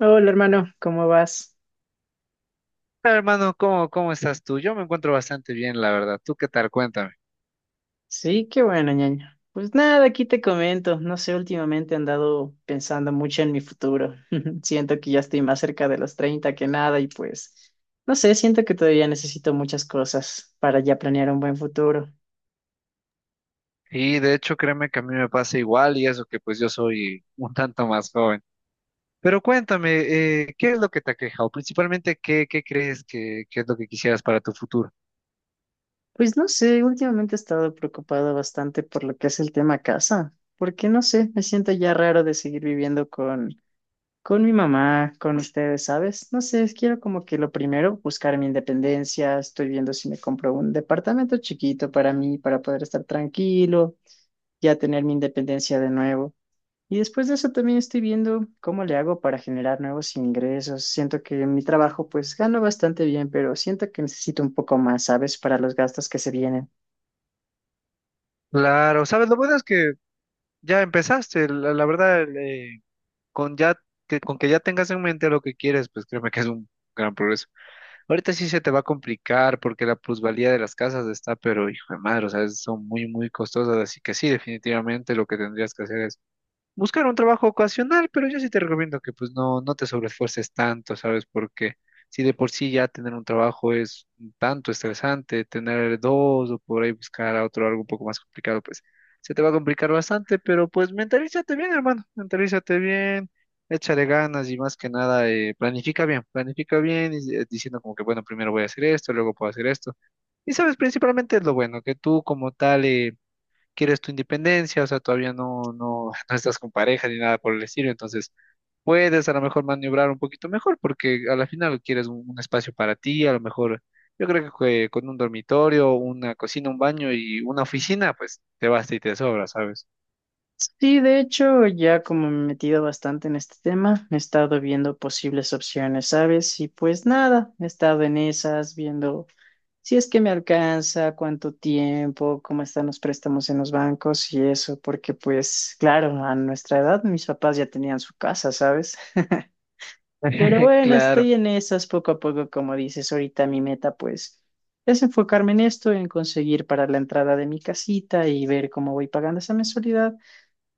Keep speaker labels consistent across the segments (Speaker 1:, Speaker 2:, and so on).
Speaker 1: Hola hermano, ¿cómo vas?
Speaker 2: Hola, hermano, ¿cómo estás tú? Yo me encuentro bastante bien, la verdad. ¿Tú qué tal? Cuéntame.
Speaker 1: Sí, qué bueno, ñaño. Pues nada, aquí te comento. No sé, últimamente he andado pensando mucho en mi futuro. Siento que ya estoy más cerca de los 30 que nada y pues, no sé, siento que todavía necesito muchas cosas para ya planear un buen futuro.
Speaker 2: Y de hecho, créeme que a mí me pasa igual y eso que pues yo soy un tanto más joven. Pero cuéntame, ¿qué es lo que te aqueja? O principalmente, ¿qué crees que es lo que quisieras para tu futuro?
Speaker 1: Pues no sé, últimamente he estado preocupado bastante por lo que es el tema casa, porque no sé, me siento ya raro de seguir viviendo con con mi mamá, con ustedes, ¿sabes? No sé, quiero como que lo primero, buscar mi independencia. Estoy viendo si me compro un departamento chiquito para mí, para poder estar tranquilo, ya tener mi independencia de nuevo. Y después de eso también estoy viendo cómo le hago para generar nuevos ingresos. Siento que en mi trabajo pues gano bastante bien, pero siento que necesito un poco más, ¿sabes? Para los gastos que se vienen.
Speaker 2: Claro, sabes, lo bueno es que ya empezaste, la verdad, con ya, que, con que ya tengas en mente lo que quieres, pues créeme que es un gran progreso. Ahorita sí se te va a complicar porque la plusvalía de las casas está, pero hijo de madre, o sea, son muy, muy costosas, así que sí, definitivamente lo que tendrías que hacer es buscar un trabajo ocasional, pero yo sí te recomiendo que pues no te sobreesfuerces tanto, ¿sabes? Porque si de por sí ya tener un trabajo es un tanto estresante, tener dos o por ahí buscar a otro algo un poco más complicado, pues se te va a complicar bastante, pero pues mentalízate bien, hermano, mentalízate bien, échale ganas y más que nada planifica bien, planifica bien y, diciendo como que bueno, primero voy a hacer esto, luego puedo hacer esto. Y sabes, principalmente es lo bueno, que tú como tal, quieres tu independencia, o sea, todavía no estás con pareja ni nada por el estilo, entonces puedes a lo mejor maniobrar un poquito mejor porque a la final quieres un espacio para ti. A lo mejor yo creo que con un dormitorio, una cocina, un baño y una oficina, pues te basta y te sobra, ¿sabes?
Speaker 1: Sí, de hecho, ya como me he metido bastante en este tema, he estado viendo posibles opciones, ¿sabes? Y pues nada, he estado en esas, viendo si es que me alcanza, cuánto tiempo, cómo están los préstamos en los bancos y eso, porque pues claro, a nuestra edad mis papás ya tenían su casa, ¿sabes? Pero bueno,
Speaker 2: Claro.
Speaker 1: estoy en esas poco a poco, como dices, ahorita mi meta pues es enfocarme en esto, en conseguir para la entrada de mi casita y ver cómo voy pagando esa mensualidad.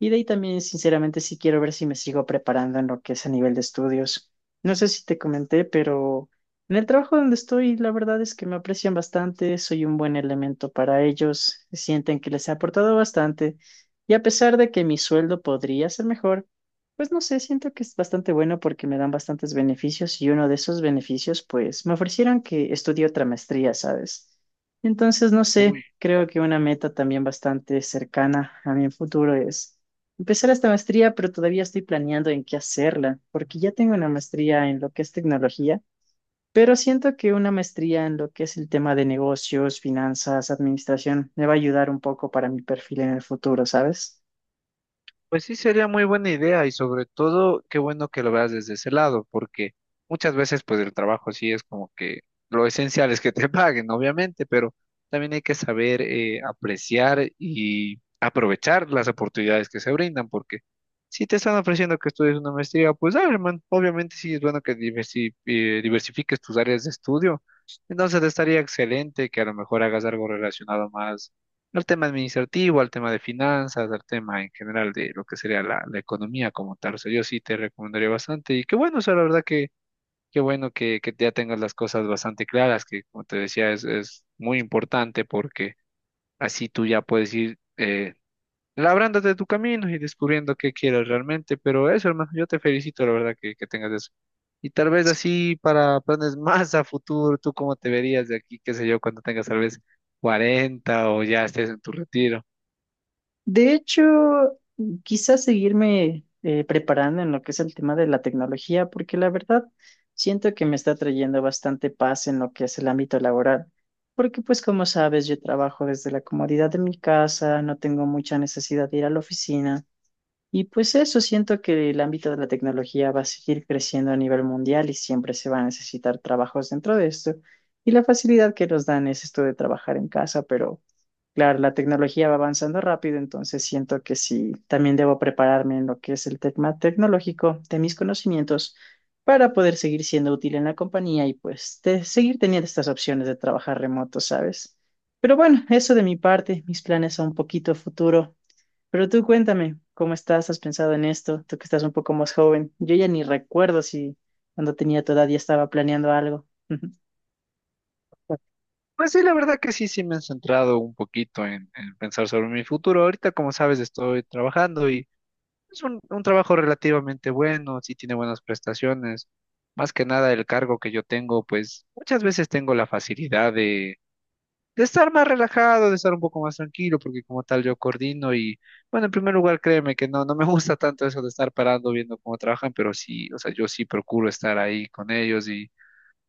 Speaker 1: Y de ahí también, sinceramente, sí quiero ver si me sigo preparando en lo que es a nivel de estudios. No sé si te comenté, pero en el trabajo donde estoy, la verdad es que me aprecian bastante, soy un buen elemento para ellos, sienten que les he aportado bastante. Y a pesar de que mi sueldo podría ser mejor, pues no sé, siento que es bastante bueno porque me dan bastantes beneficios y uno de esos beneficios, pues me ofrecieron que estudie otra maestría, ¿sabes? Entonces, no sé,
Speaker 2: muy
Speaker 1: creo que una meta también bastante cercana a mi futuro es empezar esta maestría, pero todavía estoy planeando en qué hacerla, porque ya tengo una maestría en lo que es tecnología, pero siento que una maestría en lo que es el tema de negocios, finanzas, administración, me va a ayudar un poco para mi perfil en el futuro, ¿sabes?
Speaker 2: Pues sí, sería muy buena idea y sobre todo, qué bueno que lo veas desde ese lado, porque muchas veces pues el trabajo sí es como que lo esencial es que te paguen, obviamente, pero también hay que saber apreciar y aprovechar las oportunidades que se brindan, porque si te están ofreciendo que estudies una maestría, pues dale, hermano, obviamente sí es bueno que diversifiques tus áreas de estudio. Entonces estaría excelente que a lo mejor hagas algo relacionado más al tema administrativo, al tema de finanzas, al tema en general de lo que sería la economía como tal. O sea, yo sí te recomendaría bastante y qué bueno, o sea, la verdad que qué bueno que ya tengas las cosas bastante claras, que como te decía es muy importante porque así tú ya puedes ir labrándote tu camino y descubriendo qué quieres realmente. Pero eso, hermano, yo te felicito, la verdad que tengas eso. Y tal vez así para planes más a futuro, ¿tú cómo te verías de aquí, qué sé yo, cuando tengas tal vez 40 o ya estés en tu retiro?
Speaker 1: De hecho, quizás seguirme preparando en lo que es el tema de la tecnología, porque la verdad siento que me está trayendo bastante paz en lo que es el ámbito laboral, porque pues como sabes, yo trabajo desde la comodidad de mi casa, no tengo mucha necesidad de ir a la oficina, y pues eso, siento que el ámbito de la tecnología va a seguir creciendo a nivel mundial y siempre se va a necesitar trabajos dentro de esto, y la facilidad que nos dan es esto de trabajar en casa, pero... Claro, la tecnología va avanzando rápido, entonces siento que sí, también debo prepararme en lo que es el tema tecnológico de mis conocimientos para poder seguir siendo útil en la compañía y pues te- seguir teniendo estas opciones de trabajar remoto, ¿sabes? Pero bueno, eso de mi parte, mis planes son un poquito futuro. Pero tú cuéntame, ¿cómo estás? ¿Has pensado en esto? Tú que estás un poco más joven. Yo ya ni recuerdo si cuando tenía tu edad ya estaba planeando algo.
Speaker 2: Pues sí, la verdad que sí, sí me he centrado un poquito en pensar sobre mi futuro. Ahorita, como sabes, estoy trabajando y es un trabajo relativamente bueno, sí tiene buenas prestaciones. Más que nada el cargo que yo tengo, pues muchas veces tengo la facilidad de estar más relajado, de estar un poco más tranquilo, porque como tal yo coordino y, bueno, en primer lugar, créeme que no me gusta tanto eso de estar parando viendo cómo trabajan, pero sí, o sea, yo sí procuro estar ahí con ellos y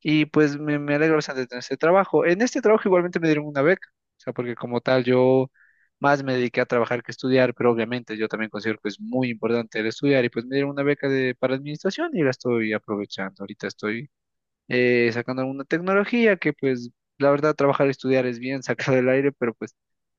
Speaker 2: me alegro bastante de tener este trabajo. En este trabajo igualmente me dieron una beca, o sea, porque como tal yo más me dediqué a trabajar que estudiar, pero obviamente yo también considero que es muy importante el estudiar y pues me dieron una beca de, para administración y la estoy aprovechando. Ahorita estoy sacando alguna tecnología que pues la verdad trabajar y estudiar es bien sacado del aire, pero pues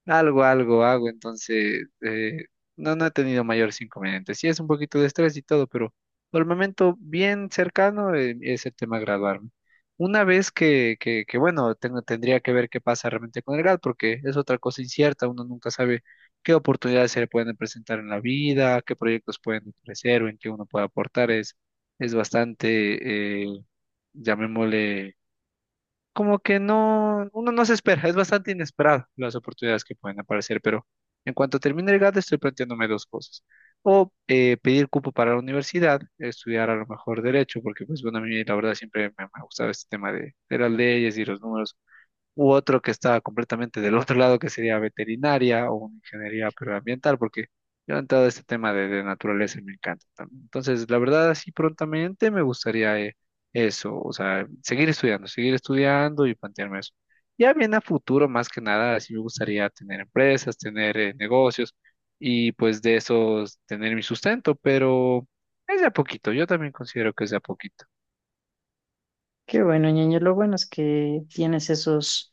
Speaker 2: algo hago, entonces no he tenido mayores inconvenientes. Sí es un poquito de estrés y todo, pero por el momento bien cercano es el tema graduarme. Una vez que bueno, tendría que ver qué pasa realmente con el grad, porque es otra cosa incierta, uno nunca sabe qué oportunidades se le pueden presentar en la vida, qué proyectos pueden ofrecer o en qué uno puede aportar, es bastante, llamémosle, como que no, uno no se espera, es bastante inesperado las oportunidades que pueden aparecer, pero en cuanto termine el GAD estoy planteándome dos cosas. O Pedir cupo para la universidad, estudiar a lo mejor derecho, porque pues bueno, a mí la verdad siempre me ha gustado este tema de las leyes y los números u otro que está completamente del otro lado, que sería veterinaria o una ingeniería agroambiental, porque yo he entrado a este tema de naturaleza y me encanta también. Entonces, la verdad, así prontamente me gustaría eso, o sea, seguir estudiando y plantearme eso. Ya bien a futuro, más que nada, sí me gustaría tener empresas, tener negocios y pues de esos tener mi sustento, pero es de a poquito, yo también considero que es de a poquito.
Speaker 1: Qué bueno, ñeño, lo bueno es que tienes esos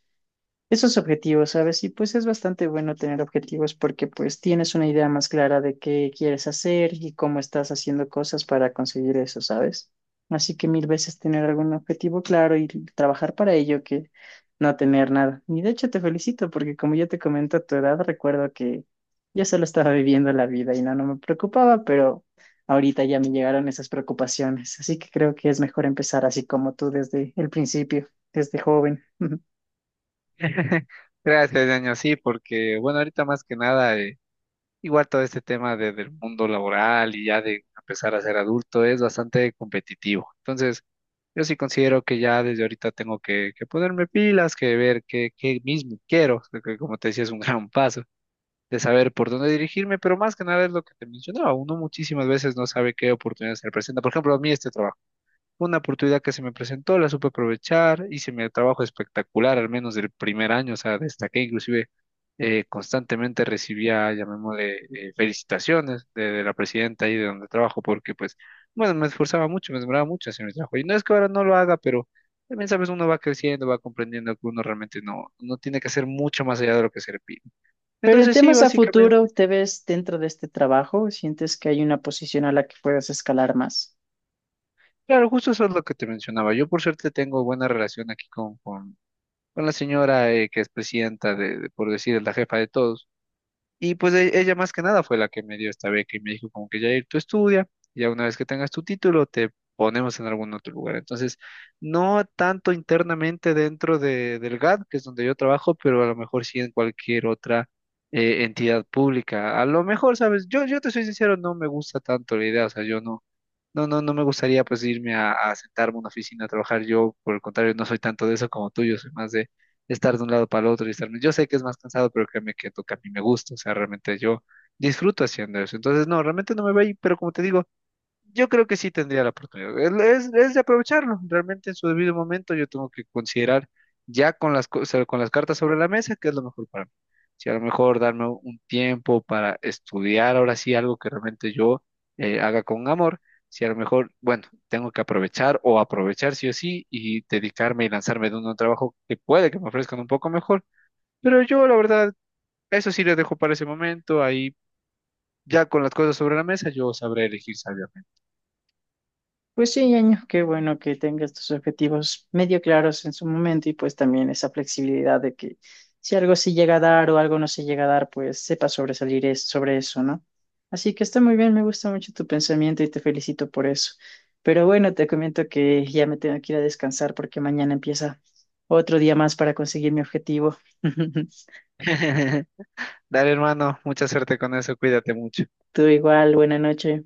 Speaker 1: esos objetivos, ¿sabes? Y pues es bastante bueno tener objetivos porque pues tienes una idea más clara de qué quieres hacer y cómo estás haciendo cosas para conseguir eso, ¿sabes? Así que mil veces tener algún objetivo claro y trabajar para ello que no tener nada. Y de hecho te felicito porque como ya te comento a tu edad, recuerdo que yo solo estaba viviendo la vida y no, no me preocupaba, pero ahorita ya me llegaron esas preocupaciones. Así que creo que es mejor empezar así como tú desde el principio, desde joven.
Speaker 2: Gracias, Daniel, sí, porque bueno, ahorita más que nada, igual todo este tema de- del mundo laboral y ya de empezar a ser adulto es bastante competitivo. Entonces, yo sí considero que ya desde ahorita tengo que ponerme pilas, que ver qué mismo quiero, porque como te decía es un gran paso de saber por dónde dirigirme, pero más que nada es lo que te mencionaba, uno muchísimas veces no sabe qué oportunidades se le presentan. Por ejemplo, a mí este trabajo. Fue una oportunidad que se me presentó, la supe aprovechar, hice mi trabajo espectacular, al menos del primer año, o sea, destaqué, inclusive constantemente recibía, llamémosle, felicitaciones de la presidenta ahí de donde trabajo, porque pues, bueno, me esforzaba mucho, me demoraba mucho hacer mi trabajo. Y no es que ahora no lo haga, pero también, sabes, uno va creciendo, va comprendiendo que uno realmente no tiene que hacer mucho más allá de lo que se le pide.
Speaker 1: Pero en
Speaker 2: Entonces, sí,
Speaker 1: temas a futuro,
Speaker 2: básicamente,
Speaker 1: ¿te ves dentro de este trabajo? ¿Sientes que hay una posición a la que puedas escalar más?
Speaker 2: claro, justo eso es lo que te mencionaba. Yo por suerte tengo buena relación aquí con la señora que es presidenta de, por decir, es la jefa de todos. Y pues ella más que nada fue la que me dio esta beca y me dijo como que Jair, tú estudia, ya una vez que tengas tu título te ponemos en algún otro lugar. Entonces, no tanto internamente dentro de, del GAD, que es donde yo trabajo, pero a lo mejor sí en cualquier otra entidad pública. A lo mejor, sabes, yo te soy sincero, no me gusta tanto la idea, o sea, yo no me gustaría pues irme a sentarme a una oficina a trabajar. Yo, por el contrario, no soy tanto de eso como tú. Yo soy más de estar de un lado para el otro y estarme. Yo sé que es más cansado, pero créeme que toca a mí me gusta. O sea, realmente yo disfruto haciendo eso. Entonces, no, realmente no me voy a ir, pero como te digo, yo creo que sí tendría la oportunidad. De aprovecharlo. Realmente en su debido momento yo tengo que considerar ya con cosas- con las cartas sobre la mesa qué es lo mejor para mí. Si a lo mejor darme un tiempo para estudiar ahora sí algo que realmente yo haga con amor, si a lo mejor, bueno, tengo que aprovechar o aprovechar sí o sí y dedicarme y lanzarme de un nuevo trabajo que puede que me ofrezcan un poco mejor. Pero yo la verdad, eso sí les dejo para ese momento. Ahí ya con las cosas sobre la mesa yo sabré elegir sabiamente.
Speaker 1: Pues sí, Ñaño, qué bueno que tengas tus objetivos medio claros en su momento y pues también esa flexibilidad de que si algo sí llega a dar o algo no se llega a dar, pues sepas sobresalir es- sobre eso, ¿no? Así que está muy bien, me gusta mucho tu pensamiento y te felicito por eso. Pero bueno, te comento que ya me tengo que ir a descansar porque mañana empieza otro día más para conseguir mi objetivo.
Speaker 2: Dale, hermano, mucha suerte con eso, cuídate mucho.
Speaker 1: Tú igual, buena noche.